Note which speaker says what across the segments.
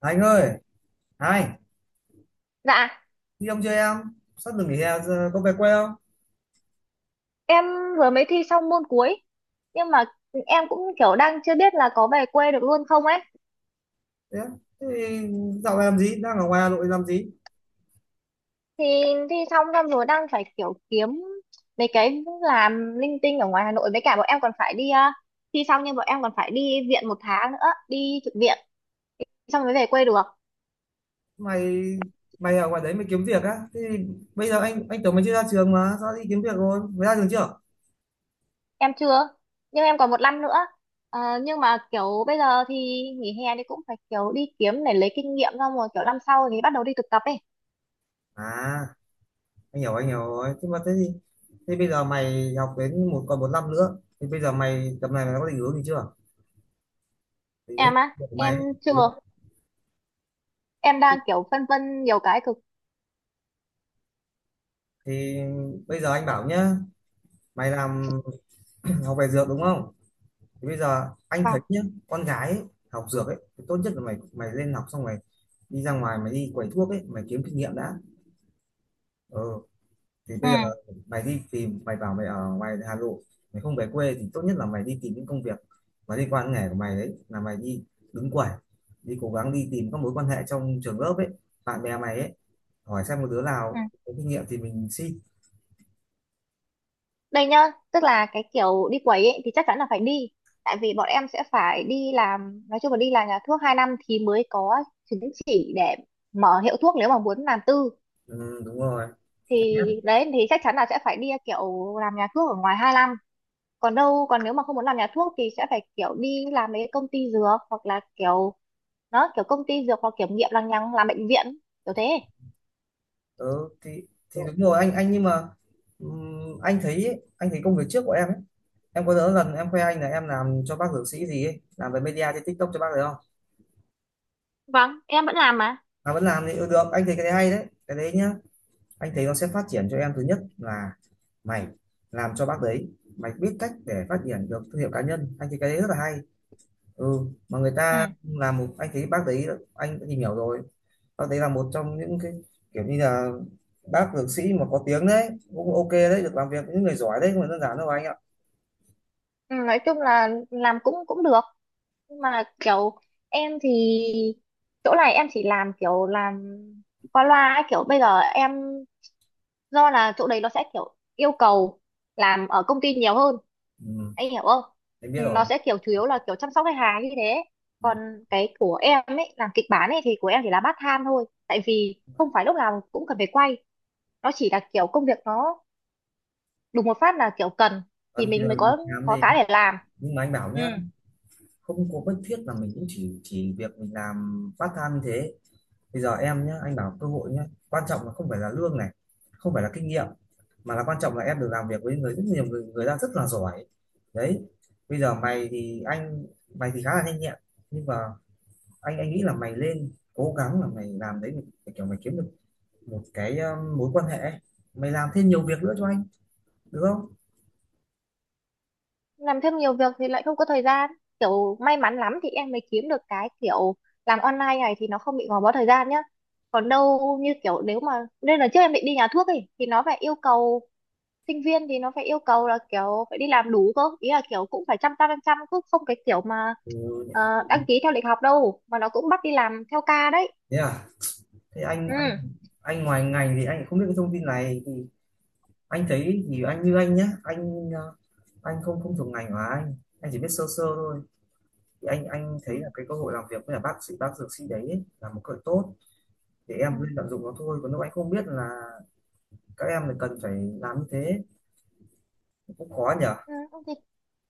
Speaker 1: Anh ơi, hai,
Speaker 2: Dạ,
Speaker 1: đi ông chơi em, sắp được nghỉ hè giờ có về quê không?
Speaker 2: em vừa mới thi xong môn cuối. Nhưng mà em cũng kiểu đang chưa biết là có về quê được luôn không ấy.
Speaker 1: Thế, thế thì dạo này làm gì, đang ở ngoài Hà Nội làm gì?
Speaker 2: Thì thi xong xong rồi đang phải kiểu kiếm mấy cái làm linh tinh ở ngoài Hà Nội. Với cả bọn em còn phải thi xong nhưng bọn em còn phải đi viện 1 tháng nữa, đi trực viện. Xong mới về quê được.
Speaker 1: Mày mày ở ngoài đấy mày kiếm việc á? Thế thì bây giờ anh tưởng mày chưa ra trường mà, sao đi kiếm việc rồi? Mày ra trường chưa?
Speaker 2: Em chưa. Nhưng em còn 1 năm nữa. Nhưng mà kiểu bây giờ thì nghỉ hè thì cũng phải kiểu đi kiếm để lấy kinh nghiệm, xong rồi kiểu năm sau thì bắt đầu đi thực tập ấy.
Speaker 1: À, anh hiểu rồi. Thế thì thế bây giờ mày học đến một còn một năm nữa, thì bây giờ mày tầm này mày có định hướng gì chưa? Thì nhớ
Speaker 2: Em á,
Speaker 1: việc của mày
Speaker 2: em
Speaker 1: ấy. Ừ.
Speaker 2: chưa. Em đang kiểu phân vân nhiều cái cực.
Speaker 1: Thì bây giờ anh bảo nhá, mày làm học về dược đúng không? Thì bây giờ anh thấy
Speaker 2: Vâng.
Speaker 1: nhá, con gái ấy, học dược ấy thì tốt nhất là mày mày lên học xong mày đi ra ngoài mày đi quầy thuốc ấy mày kiếm kinh nghiệm đã. Ừ, thì
Speaker 2: Ừ,
Speaker 1: bây giờ mày đi tìm, mày bảo mày ở ngoài Hà Nội, mày không về quê thì tốt nhất là mày đi tìm những công việc mà liên quan đến nghề của mày, đấy là mày đi đứng quầy, đi cố gắng đi tìm các mối quan hệ trong trường lớp ấy, bạn bè mày ấy, hỏi xem một đứa
Speaker 2: ừ,
Speaker 1: nào có kinh nghiệm thì mình xin.
Speaker 2: đây nhá, tức là cái kiểu đi quẩy ấy, thì chắc chắn là phải đi, tại vì bọn em sẽ phải đi làm, nói chung là đi làm nhà thuốc 2 năm thì mới có chứng chỉ để mở hiệu thuốc nếu mà muốn làm tư.
Speaker 1: Ừ, đúng rồi, chắc nhất.
Speaker 2: Thì đấy thì chắc chắn là sẽ phải đi kiểu làm nhà thuốc ở ngoài 2 năm. Còn đâu, còn nếu mà không muốn làm nhà thuốc thì sẽ phải kiểu đi làm mấy công ty dược, hoặc là kiểu nó kiểu công ty dược hoặc kiểm nghiệm lằng nhằng, làm bệnh viện kiểu thế.
Speaker 1: Ừ, thì đúng rồi, anh nhưng mà anh thấy ấy, anh thấy công việc trước của em ấy, em có nhớ lần em khoe anh là em làm cho bác dược sĩ gì ấy làm về media trên TikTok cho bác đấy không,
Speaker 2: Vâng, em vẫn làm mà.
Speaker 1: mà vẫn làm thì ừ, được, anh thấy cái đấy hay đấy, cái đấy nhá, anh thấy nó sẽ phát triển cho em. Thứ nhất là mày làm cho bác đấy, mày biết cách để phát triển được thương hiệu cá nhân, anh thấy cái đấy rất là hay. Ừ, mà người ta làm một, anh thấy bác đấy, anh đã tìm hiểu rồi, bác đấy là một trong những cái kiểu như là bác dược sĩ mà có tiếng đấy, cũng ok đấy, được làm việc với những người giỏi đấy không phải đơn giản đâu anh ạ.
Speaker 2: Ừ, nói chung là làm cũng cũng được, nhưng mà kiểu em thì chỗ này em chỉ làm kiểu làm qua loa ấy, kiểu bây giờ em do là chỗ đấy nó sẽ kiểu yêu cầu làm ở công ty nhiều hơn,
Speaker 1: Ừ,
Speaker 2: anh hiểu không.
Speaker 1: em biết
Speaker 2: Ừ, nó
Speaker 1: rồi.
Speaker 2: sẽ kiểu chủ yếu là kiểu chăm sóc khách hàng như thế.
Speaker 1: Ừ.
Speaker 2: Còn cái của em ấy làm kịch bản ấy thì của em chỉ là part time thôi, tại vì không phải lúc nào cũng cần phải quay, nó chỉ là kiểu công việc nó đùng một phát là kiểu cần thì
Speaker 1: Còn kia
Speaker 2: mình mới
Speaker 1: đi
Speaker 2: có
Speaker 1: khám
Speaker 2: có
Speaker 1: gì,
Speaker 2: cái để làm.
Speaker 1: nhưng mà anh bảo
Speaker 2: Ừ,
Speaker 1: nhá, không có bất thiết mà mình cũng chỉ việc mình làm part time như thế. Bây giờ em nhá, anh bảo cơ hội nhá, quan trọng là không phải là lương này, không phải là kinh nghiệm, mà là quan trọng là em được làm việc với người rất nhiều người, người ta rất là giỏi đấy. Bây giờ mày thì anh, mày thì khá là nhanh nhẹn, nhưng mà anh nghĩ là mày lên cố gắng là mày làm đấy, để kiểu mày kiếm được một cái mối quan hệ ấy. Mày làm thêm nhiều việc nữa cho anh được không?
Speaker 2: làm thêm nhiều việc thì lại không có thời gian, kiểu may mắn lắm thì em mới kiếm được cái kiểu làm online này thì nó không bị gò bó thời gian nhá. Còn đâu như kiểu nếu mà, nên là trước em định đi nhà thuốc ấy thì nó phải yêu cầu sinh viên, thì nó phải yêu cầu là kiểu phải đi làm đủ cơ, ý là kiểu cũng phải chăm chăm chăm chăm, cứ không cái kiểu mà ờ,
Speaker 1: Ừ,
Speaker 2: đăng ký theo lịch học đâu, mà nó cũng bắt đi làm theo ca đấy.
Speaker 1: thế à, thế anh
Speaker 2: Ừ.
Speaker 1: anh ngoài ngành thì anh không biết cái thông tin này, thì anh thấy thì anh như anh nhá, anh anh không không thuộc ngành của anh chỉ biết sơ sơ thôi. Thì anh thấy
Speaker 2: Ừ.
Speaker 1: là cái cơ hội làm việc với là bác sĩ, bác dược sĩ đấy ấy, là một cơ hội tốt để
Speaker 2: Ừ.
Speaker 1: em lên tận dụng nó thôi, còn lúc anh không biết là các em là cần phải làm như thế, cũng khó nhở.
Speaker 2: Ừ. Ok.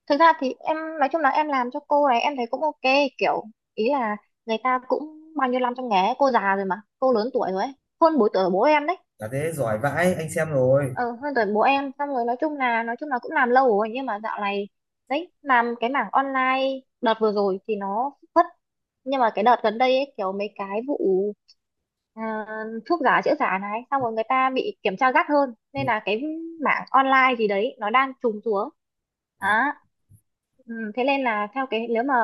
Speaker 2: Thực ra thì em nói chung là em làm cho cô này em thấy cũng ok. Kiểu, ý là người ta cũng bao nhiêu năm trong nghề ấy, cô già rồi, mà cô lớn tuổi rồi ấy, hơn 4 tuổi của bố em đấy.
Speaker 1: Là thế giỏi vãi, anh xem rồi.
Speaker 2: Ờ Hơn tuổi bố em. Xong rồi nói chung là cũng làm lâu rồi, nhưng mà dạo này đấy, làm cái mảng online đợt vừa rồi thì nó phất. Nhưng mà cái đợt gần đây ấy, kiểu mấy cái vụ à, thuốc giả, chữa giả này, xong rồi người ta bị kiểm tra gắt hơn,
Speaker 1: Ừ.
Speaker 2: nên là cái mảng online gì đấy nó đang trùng xuống.
Speaker 1: À,
Speaker 2: Đó. Ừ, thế nên là theo cái, nếu mà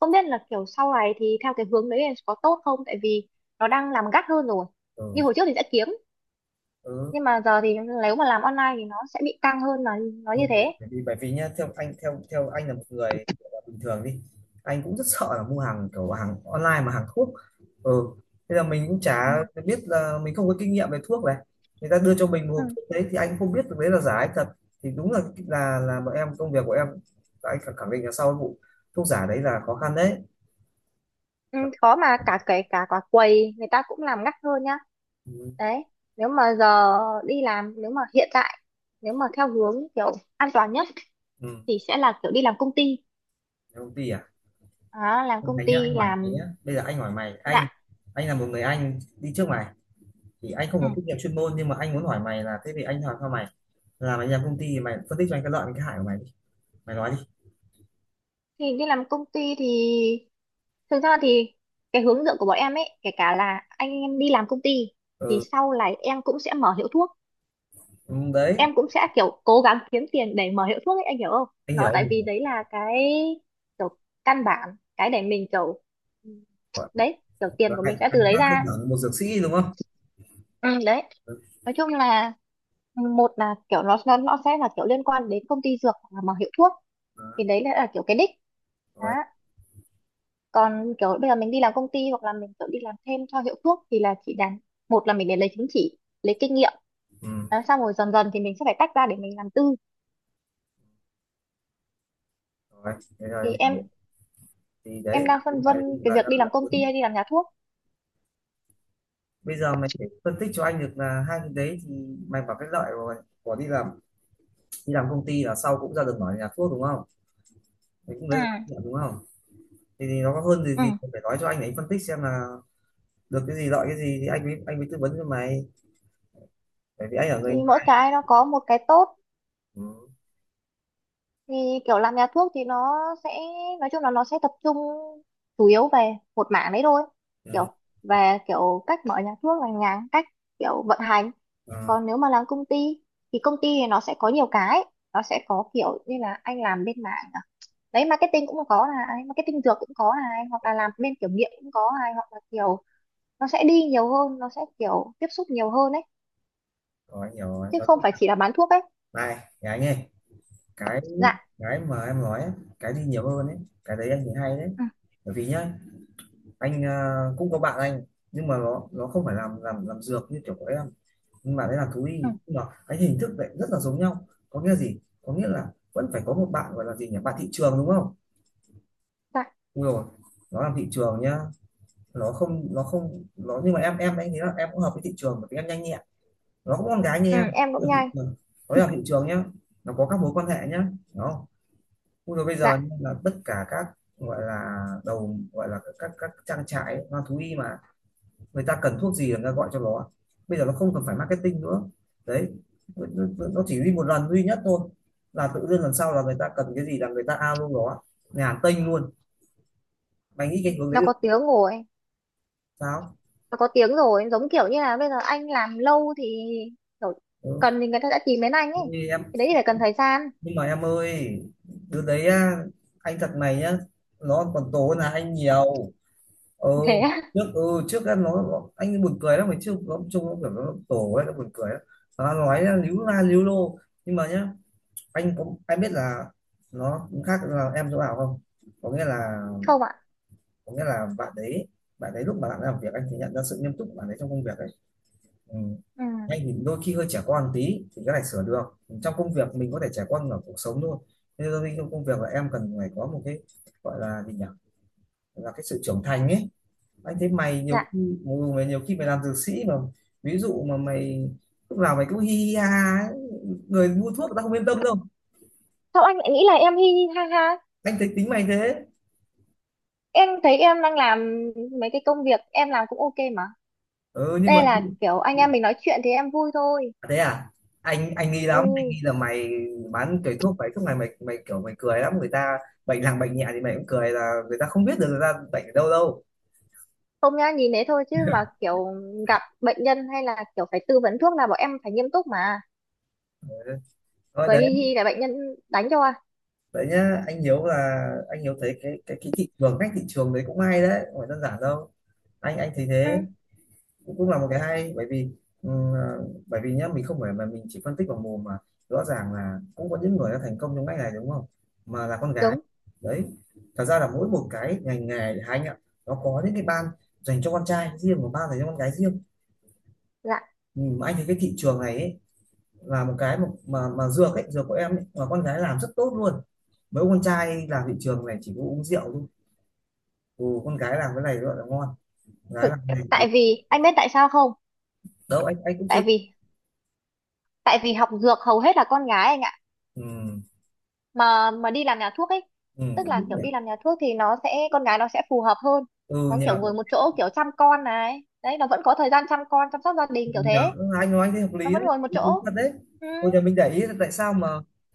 Speaker 2: không biết là kiểu sau này thì theo cái hướng đấy là có tốt không, tại vì nó đang làm gắt hơn rồi. Như
Speaker 1: ừ,
Speaker 2: hồi trước thì sẽ kiếm,
Speaker 1: ừ.
Speaker 2: nhưng mà giờ thì nếu mà làm online thì nó sẽ bị căng hơn, là nó như
Speaker 1: Đúng rồi.
Speaker 2: thế.
Speaker 1: Bởi vì bởi vì nhá, theo anh, theo theo anh là một người kiểu là bình thường đi, anh cũng rất sợ là mua hàng kiểu hàng online mà hàng thuốc. Ừ, thế là mình cũng chả
Speaker 2: Ừ.
Speaker 1: biết, là mình không có kinh nghiệm về thuốc này, người ta đưa cho mình một
Speaker 2: Ừ.
Speaker 1: hộp thuốc đấy thì anh không biết được đấy là giả hay thật. Thì đúng là là bọn em, công việc của em, anh khẳng khẳng định là sau vụ thuốc giả đấy là khó khăn đấy.
Speaker 2: Ừ, khó. Mà cả, kể cả quả quầy người ta cũng làm gắt hơn nhá.
Speaker 1: Ừ,
Speaker 2: Đấy, nếu mà giờ đi làm, nếu mà hiện tại, nếu mà theo hướng kiểu an toàn nhất
Speaker 1: ừ.
Speaker 2: thì sẽ là kiểu đi làm công ty.
Speaker 1: Công ty à,
Speaker 2: Đó, làm công
Speaker 1: thấy nhá,
Speaker 2: ty,
Speaker 1: anh hỏi mày nhá,
Speaker 2: làm
Speaker 1: bây giờ anh hỏi mày, anh
Speaker 2: dạng.
Speaker 1: anh là một người anh đi trước mày, thì anh không
Speaker 2: Ừ.
Speaker 1: có kinh nghiệm chuyên môn nhưng mà anh muốn hỏi mày là thế thì anh hỏi sao mày làm anh em công ty, thì mày phân tích cho anh cái lợi và cái hại của mày đi, mày nói đi.
Speaker 2: Thì đi làm công ty thì, thực ra thì cái hướng dẫn của bọn em ấy, kể cả là anh em đi làm công ty thì
Speaker 1: Ừ,
Speaker 2: sau này em cũng sẽ mở hiệu thuốc.
Speaker 1: ừ, đấy,
Speaker 2: Em cũng sẽ kiểu cố gắng kiếm tiền để mở hiệu thuốc ấy, anh hiểu không.
Speaker 1: anh hiểu
Speaker 2: Nó
Speaker 1: anh
Speaker 2: tại vì
Speaker 1: hiểu
Speaker 2: đấy là cái kiểu căn bản, cái để mình kiểu, ừ,
Speaker 1: Gọi
Speaker 2: đấy, kiểu
Speaker 1: là
Speaker 2: tiền của mình
Speaker 1: hạnh
Speaker 2: sẽ từ
Speaker 1: hạnh
Speaker 2: đấy
Speaker 1: trang cơ
Speaker 2: ra.
Speaker 1: bản một dược sĩ đúng không.
Speaker 2: Ừ, đấy,
Speaker 1: Ừ.
Speaker 2: nói chung là một là kiểu nó sẽ là kiểu liên quan đến công ty dược hoặc là mở hiệu thuốc,
Speaker 1: Đó,
Speaker 2: thì đấy là kiểu cái đích. Đó.
Speaker 1: rồi.
Speaker 2: Còn kiểu bây giờ mình đi làm công ty hoặc là mình kiểu đi làm thêm cho hiệu thuốc thì là chỉ đàn, một là mình để lấy chứng chỉ, lấy kinh nghiệm.
Speaker 1: Ừ.
Speaker 2: Đó, xong rồi dần dần thì mình sẽ phải tách ra để mình làm tư.
Speaker 1: Rồi, thế rồi
Speaker 2: Thì
Speaker 1: anh
Speaker 2: em
Speaker 1: hiểu, thì đấy
Speaker 2: em
Speaker 1: là
Speaker 2: đang
Speaker 1: cái
Speaker 2: phân vân
Speaker 1: lợi
Speaker 2: cái
Speaker 1: là,
Speaker 2: việc
Speaker 1: là,
Speaker 2: đi
Speaker 1: là
Speaker 2: làm công ty
Speaker 1: lớn.
Speaker 2: hay đi làm nhà thuốc.
Speaker 1: Bây giờ mày phải phân tích cho anh được là hai cái đấy thì mày bảo cái lợi của đi làm, đi làm công ty là sau cũng ra được mở nhà thuốc đúng không, mày cũng
Speaker 2: Ừ.
Speaker 1: lấy được lợi đúng không. Thì nó có hơn gì,
Speaker 2: Ừ,
Speaker 1: gì phải nói cho anh để anh phân tích xem là được cái gì, lợi cái gì thì anh mới tư vấn cho mày, bởi vì anh ở
Speaker 2: thì
Speaker 1: người ngoài.
Speaker 2: mỗi cái nó có một cái tốt.
Speaker 1: Ừ.
Speaker 2: Thì kiểu làm nhà thuốc thì nó sẽ, nói chung là nó sẽ tập trung chủ yếu về một mảng đấy thôi, kiểu
Speaker 1: Ừ.
Speaker 2: về kiểu cách mở nhà thuốc, là nhà, cách kiểu vận hành.
Speaker 1: Ừ.
Speaker 2: Còn nếu mà làm công ty thì nó sẽ có nhiều cái, nó sẽ có kiểu như là anh làm bên mảng đấy, marketing cũng có này, marketing dược cũng có này, hoặc là làm bên kiểm nghiệm cũng có này, hoặc là kiểu nó sẽ đi nhiều hơn, nó sẽ kiểu tiếp xúc nhiều hơn ấy,
Speaker 1: Rồi rồi,
Speaker 2: chứ
Speaker 1: và
Speaker 2: không phải chỉ là bán thuốc ấy.
Speaker 1: này gái nghe, cái
Speaker 2: Dạ.
Speaker 1: cái mà em nói ấy, cái gì nhiều hơn ấy, cái đấy anh thấy hay đấy.
Speaker 2: Ừ.
Speaker 1: Bởi vì nhá, anh cũng có bạn anh, nhưng mà nó không phải làm làm dược như kiểu của em, nhưng mà đấy là thú y,
Speaker 2: Ừ.
Speaker 1: nhưng mà cái hình thức lại rất là giống nhau, có nghĩa gì, có nghĩa là vẫn phải có một bạn gọi là gì nhỉ, bạn thị trường đúng không.
Speaker 2: Dạ.
Speaker 1: Ui rồi, nó làm thị trường nhá, nó không nhưng mà em anh thấy là em cũng hợp với thị trường bởi vì em nhanh nhẹn, nó có con gái như
Speaker 2: Ừ,
Speaker 1: em.
Speaker 2: em cũng
Speaker 1: Vâng,
Speaker 2: nhai.
Speaker 1: vâng. Nó là thị trường nhá, nó có các mối quan hệ nhá. Đó. Ui rồi, bây giờ
Speaker 2: Dạ,
Speaker 1: là tất cả các gọi là đầu, gọi là các trang trại hoa thú y mà người ta cần thuốc gì là người ta gọi cho nó, bây giờ nó không cần phải marketing nữa. Đấy, nó, nó chỉ đi một lần duy nhất thôi, là tự dưng lần sau là người ta cần cái gì là người ta ao luôn. Đó, nhà hàng Tây luôn. Mày nghĩ cái hướng đấy
Speaker 2: nó có
Speaker 1: được
Speaker 2: tiếng rồi.
Speaker 1: sao.
Speaker 2: Nó có tiếng rồi, giống kiểu như là bây giờ anh làm lâu thì kiểu
Speaker 1: Ừ.
Speaker 2: cần thì người ta đã tìm đến anh ấy.
Speaker 1: Như em,
Speaker 2: Cái đấy thì phải cần thời gian.
Speaker 1: nhưng mà em ơi, đứa đấy á, anh thật này nhá, nó còn tối là anh nhiều. Ừ,
Speaker 2: Thế á.
Speaker 1: trước ừ, trước á, nó anh buồn cười lắm mà trước nó trông nó kiểu nó tổ ấy, nó buồn cười lắm, nó nói á, líu la líu lô. Nhưng mà nhá, anh cũng anh biết là nó cũng khác là em chỗ nào không, có nghĩa là,
Speaker 2: Không ạ.
Speaker 1: có nghĩa là bạn đấy, bạn đấy lúc mà bạn làm việc anh thì nhận ra sự nghiêm túc của bạn ấy trong công việc ấy. Ừ.
Speaker 2: Ừ.
Speaker 1: Hay thì đôi khi hơi trẻ con tí thì cái này sửa được, trong công việc mình có thể, trẻ con ở cuộc sống thôi, nên đôi khi trong công việc là em cần phải có một cái gọi là gì nhỉ, là cái sự trưởng thành ấy. Anh thấy mày
Speaker 2: Dạ,
Speaker 1: nhiều khi, mày nhiều khi mày làm dược sĩ mà, ví dụ mà mày lúc nào mày cũng hi hi ha ha ấy, người mua thuốc người ta không yên tâm đâu,
Speaker 2: sao anh lại nghĩ là em hi hi ha ha.
Speaker 1: anh thấy tính mày thế.
Speaker 2: Em thấy em đang làm mấy cái công việc em làm cũng ok mà.
Speaker 1: Ừ, nhưng mà
Speaker 2: Đây là kiểu anh em mình nói chuyện thì em vui thôi.
Speaker 1: thế à, anh nghi
Speaker 2: Ừ,
Speaker 1: lắm, anh nghi là mày bán cái thuốc ấy, thuốc này mày, mày kiểu mày cười lắm, người ta bệnh nặng bệnh nhẹ thì mày cũng cười là người ta không biết được người ta bệnh ở đâu đâu.
Speaker 2: không nhá, nhìn thế thôi chứ mà kiểu gặp bệnh nhân hay là kiểu phải tư vấn thuốc là bọn em phải nghiêm túc mà.
Speaker 1: Thôi
Speaker 2: Cười hi
Speaker 1: đấy.
Speaker 2: hi là bệnh nhân đánh cho à.
Speaker 1: Đấy nhá, anh Hiếu là anh Hiếu thấy cái cái thị trường, cách thị trường đấy cũng hay đấy, không phải đơn giản đâu, anh thấy
Speaker 2: Ừ,
Speaker 1: thế. Cũng cũng là một cái hay, bởi vì bởi vì nhá mình không phải mà mình chỉ phân tích vào mồm mà rõ ràng là cũng có những người đã thành công trong ngành này đúng không, mà là con gái
Speaker 2: đúng.
Speaker 1: đấy. Thật ra là mỗi một cái ngành nghề thì anh ạ, nó có những cái ban dành cho con trai riêng và ban dành cho con gái riêng.
Speaker 2: Dạ,
Speaker 1: Mà anh thấy cái thị trường này ấy, là một cái mà mà dược ấy, dược của em ấy, mà con gái làm rất tốt luôn, mấy ông con trai làm thị trường này chỉ có uống rượu thôi. Ừ, con gái làm cái này gọi là ngon, gái
Speaker 2: thực,
Speaker 1: làm cái này
Speaker 2: tại vì anh biết tại sao không.
Speaker 1: đâu, anh cũng chưa.
Speaker 2: Tại vì tại vì học dược hầu hết là con gái, anh ạ.
Speaker 1: Ừ,
Speaker 2: Mà đi làm nhà thuốc ấy,
Speaker 1: ừ,
Speaker 2: tức
Speaker 1: cũng
Speaker 2: là
Speaker 1: đúng
Speaker 2: kiểu đi
Speaker 1: nhỉ.
Speaker 2: làm nhà thuốc thì nó sẽ, con gái nó sẽ phù hợp hơn.
Speaker 1: Ừ
Speaker 2: Nó
Speaker 1: nhỉ.
Speaker 2: kiểu ngồi một chỗ, kiểu chăm con này, đấy, nó vẫn có thời gian chăm con, chăm sóc gia đình kiểu
Speaker 1: Dạ,
Speaker 2: thế.
Speaker 1: anh nói anh thấy hợp
Speaker 2: Nó
Speaker 1: lý
Speaker 2: vẫn
Speaker 1: đấy,
Speaker 2: ngồi một
Speaker 1: đúng đúng
Speaker 2: chỗ.
Speaker 1: thật đấy.
Speaker 2: Ừ.
Speaker 1: Bây giờ mình để ý là tại sao mà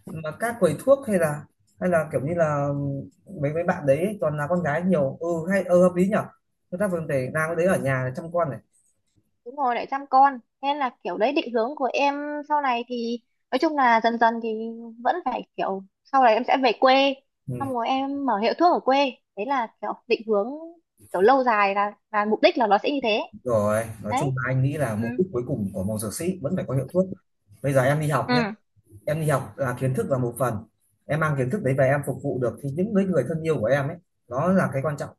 Speaker 1: mà các quầy thuốc hay là, hay là kiểu như là mấy mấy bạn đấy toàn là con gái nhiều, ừ hay, ừ hợp lý nhở, chúng ta vẫn để làm cái đấy ở nhà để chăm con này.
Speaker 2: Đúng rồi, lại chăm con nên là kiểu đấy định hướng của em sau này thì, nói chung là dần dần thì vẫn phải kiểu sau này em sẽ về quê,
Speaker 1: Ừ,
Speaker 2: xong rồi em mở hiệu thuốc ở quê, đấy là kiểu định hướng kiểu lâu dài, là mục đích, là nó sẽ như thế.
Speaker 1: rồi, nói chung
Speaker 2: Đấy.
Speaker 1: là anh nghĩ là
Speaker 2: Ừ.
Speaker 1: mục đích cuối cùng của một dược sĩ vẫn phải có hiệu thuốc. Bây giờ em đi học nhé,
Speaker 2: Ừ.
Speaker 1: em đi học là kiến thức là một phần. Em mang kiến thức đấy về em phục vụ được thì những người người thân yêu của em ấy, nó là cái quan trọng.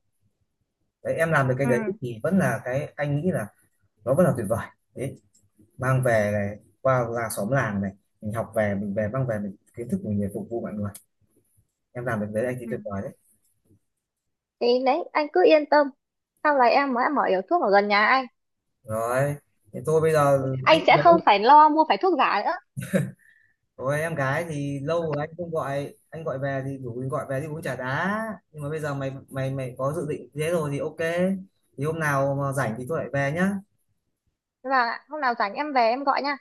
Speaker 1: Đấy, em làm được cái
Speaker 2: Ừ.
Speaker 1: đấy thì vẫn là cái anh nghĩ là nó vẫn là tuyệt vời. Đấy, mang về này qua làng xóm làng này, mình học về mình về mang về mình kiến thức mình về phục vụ mọi người, em làm được đấy anh thấy
Speaker 2: Ừ.
Speaker 1: tuyệt vời đấy.
Speaker 2: Thì đấy anh cứ yên tâm, sau này em mới mở hiệu thuốc ở gần nhà anh
Speaker 1: Rồi, thế tôi bây giờ, anh
Speaker 2: anh sẽ
Speaker 1: giống,
Speaker 2: không phải lo mua phải thuốc giả nữa.
Speaker 1: rồi em gái thì lâu rồi anh không gọi, anh gọi về thì rủ mình gọi về đi uống trà đá, nhưng mà bây giờ mày mày mày có dự định thế rồi thì ok, thì hôm nào mà rảnh thì tôi lại về nhá.
Speaker 2: Và hôm nào rảnh em về em gọi nha.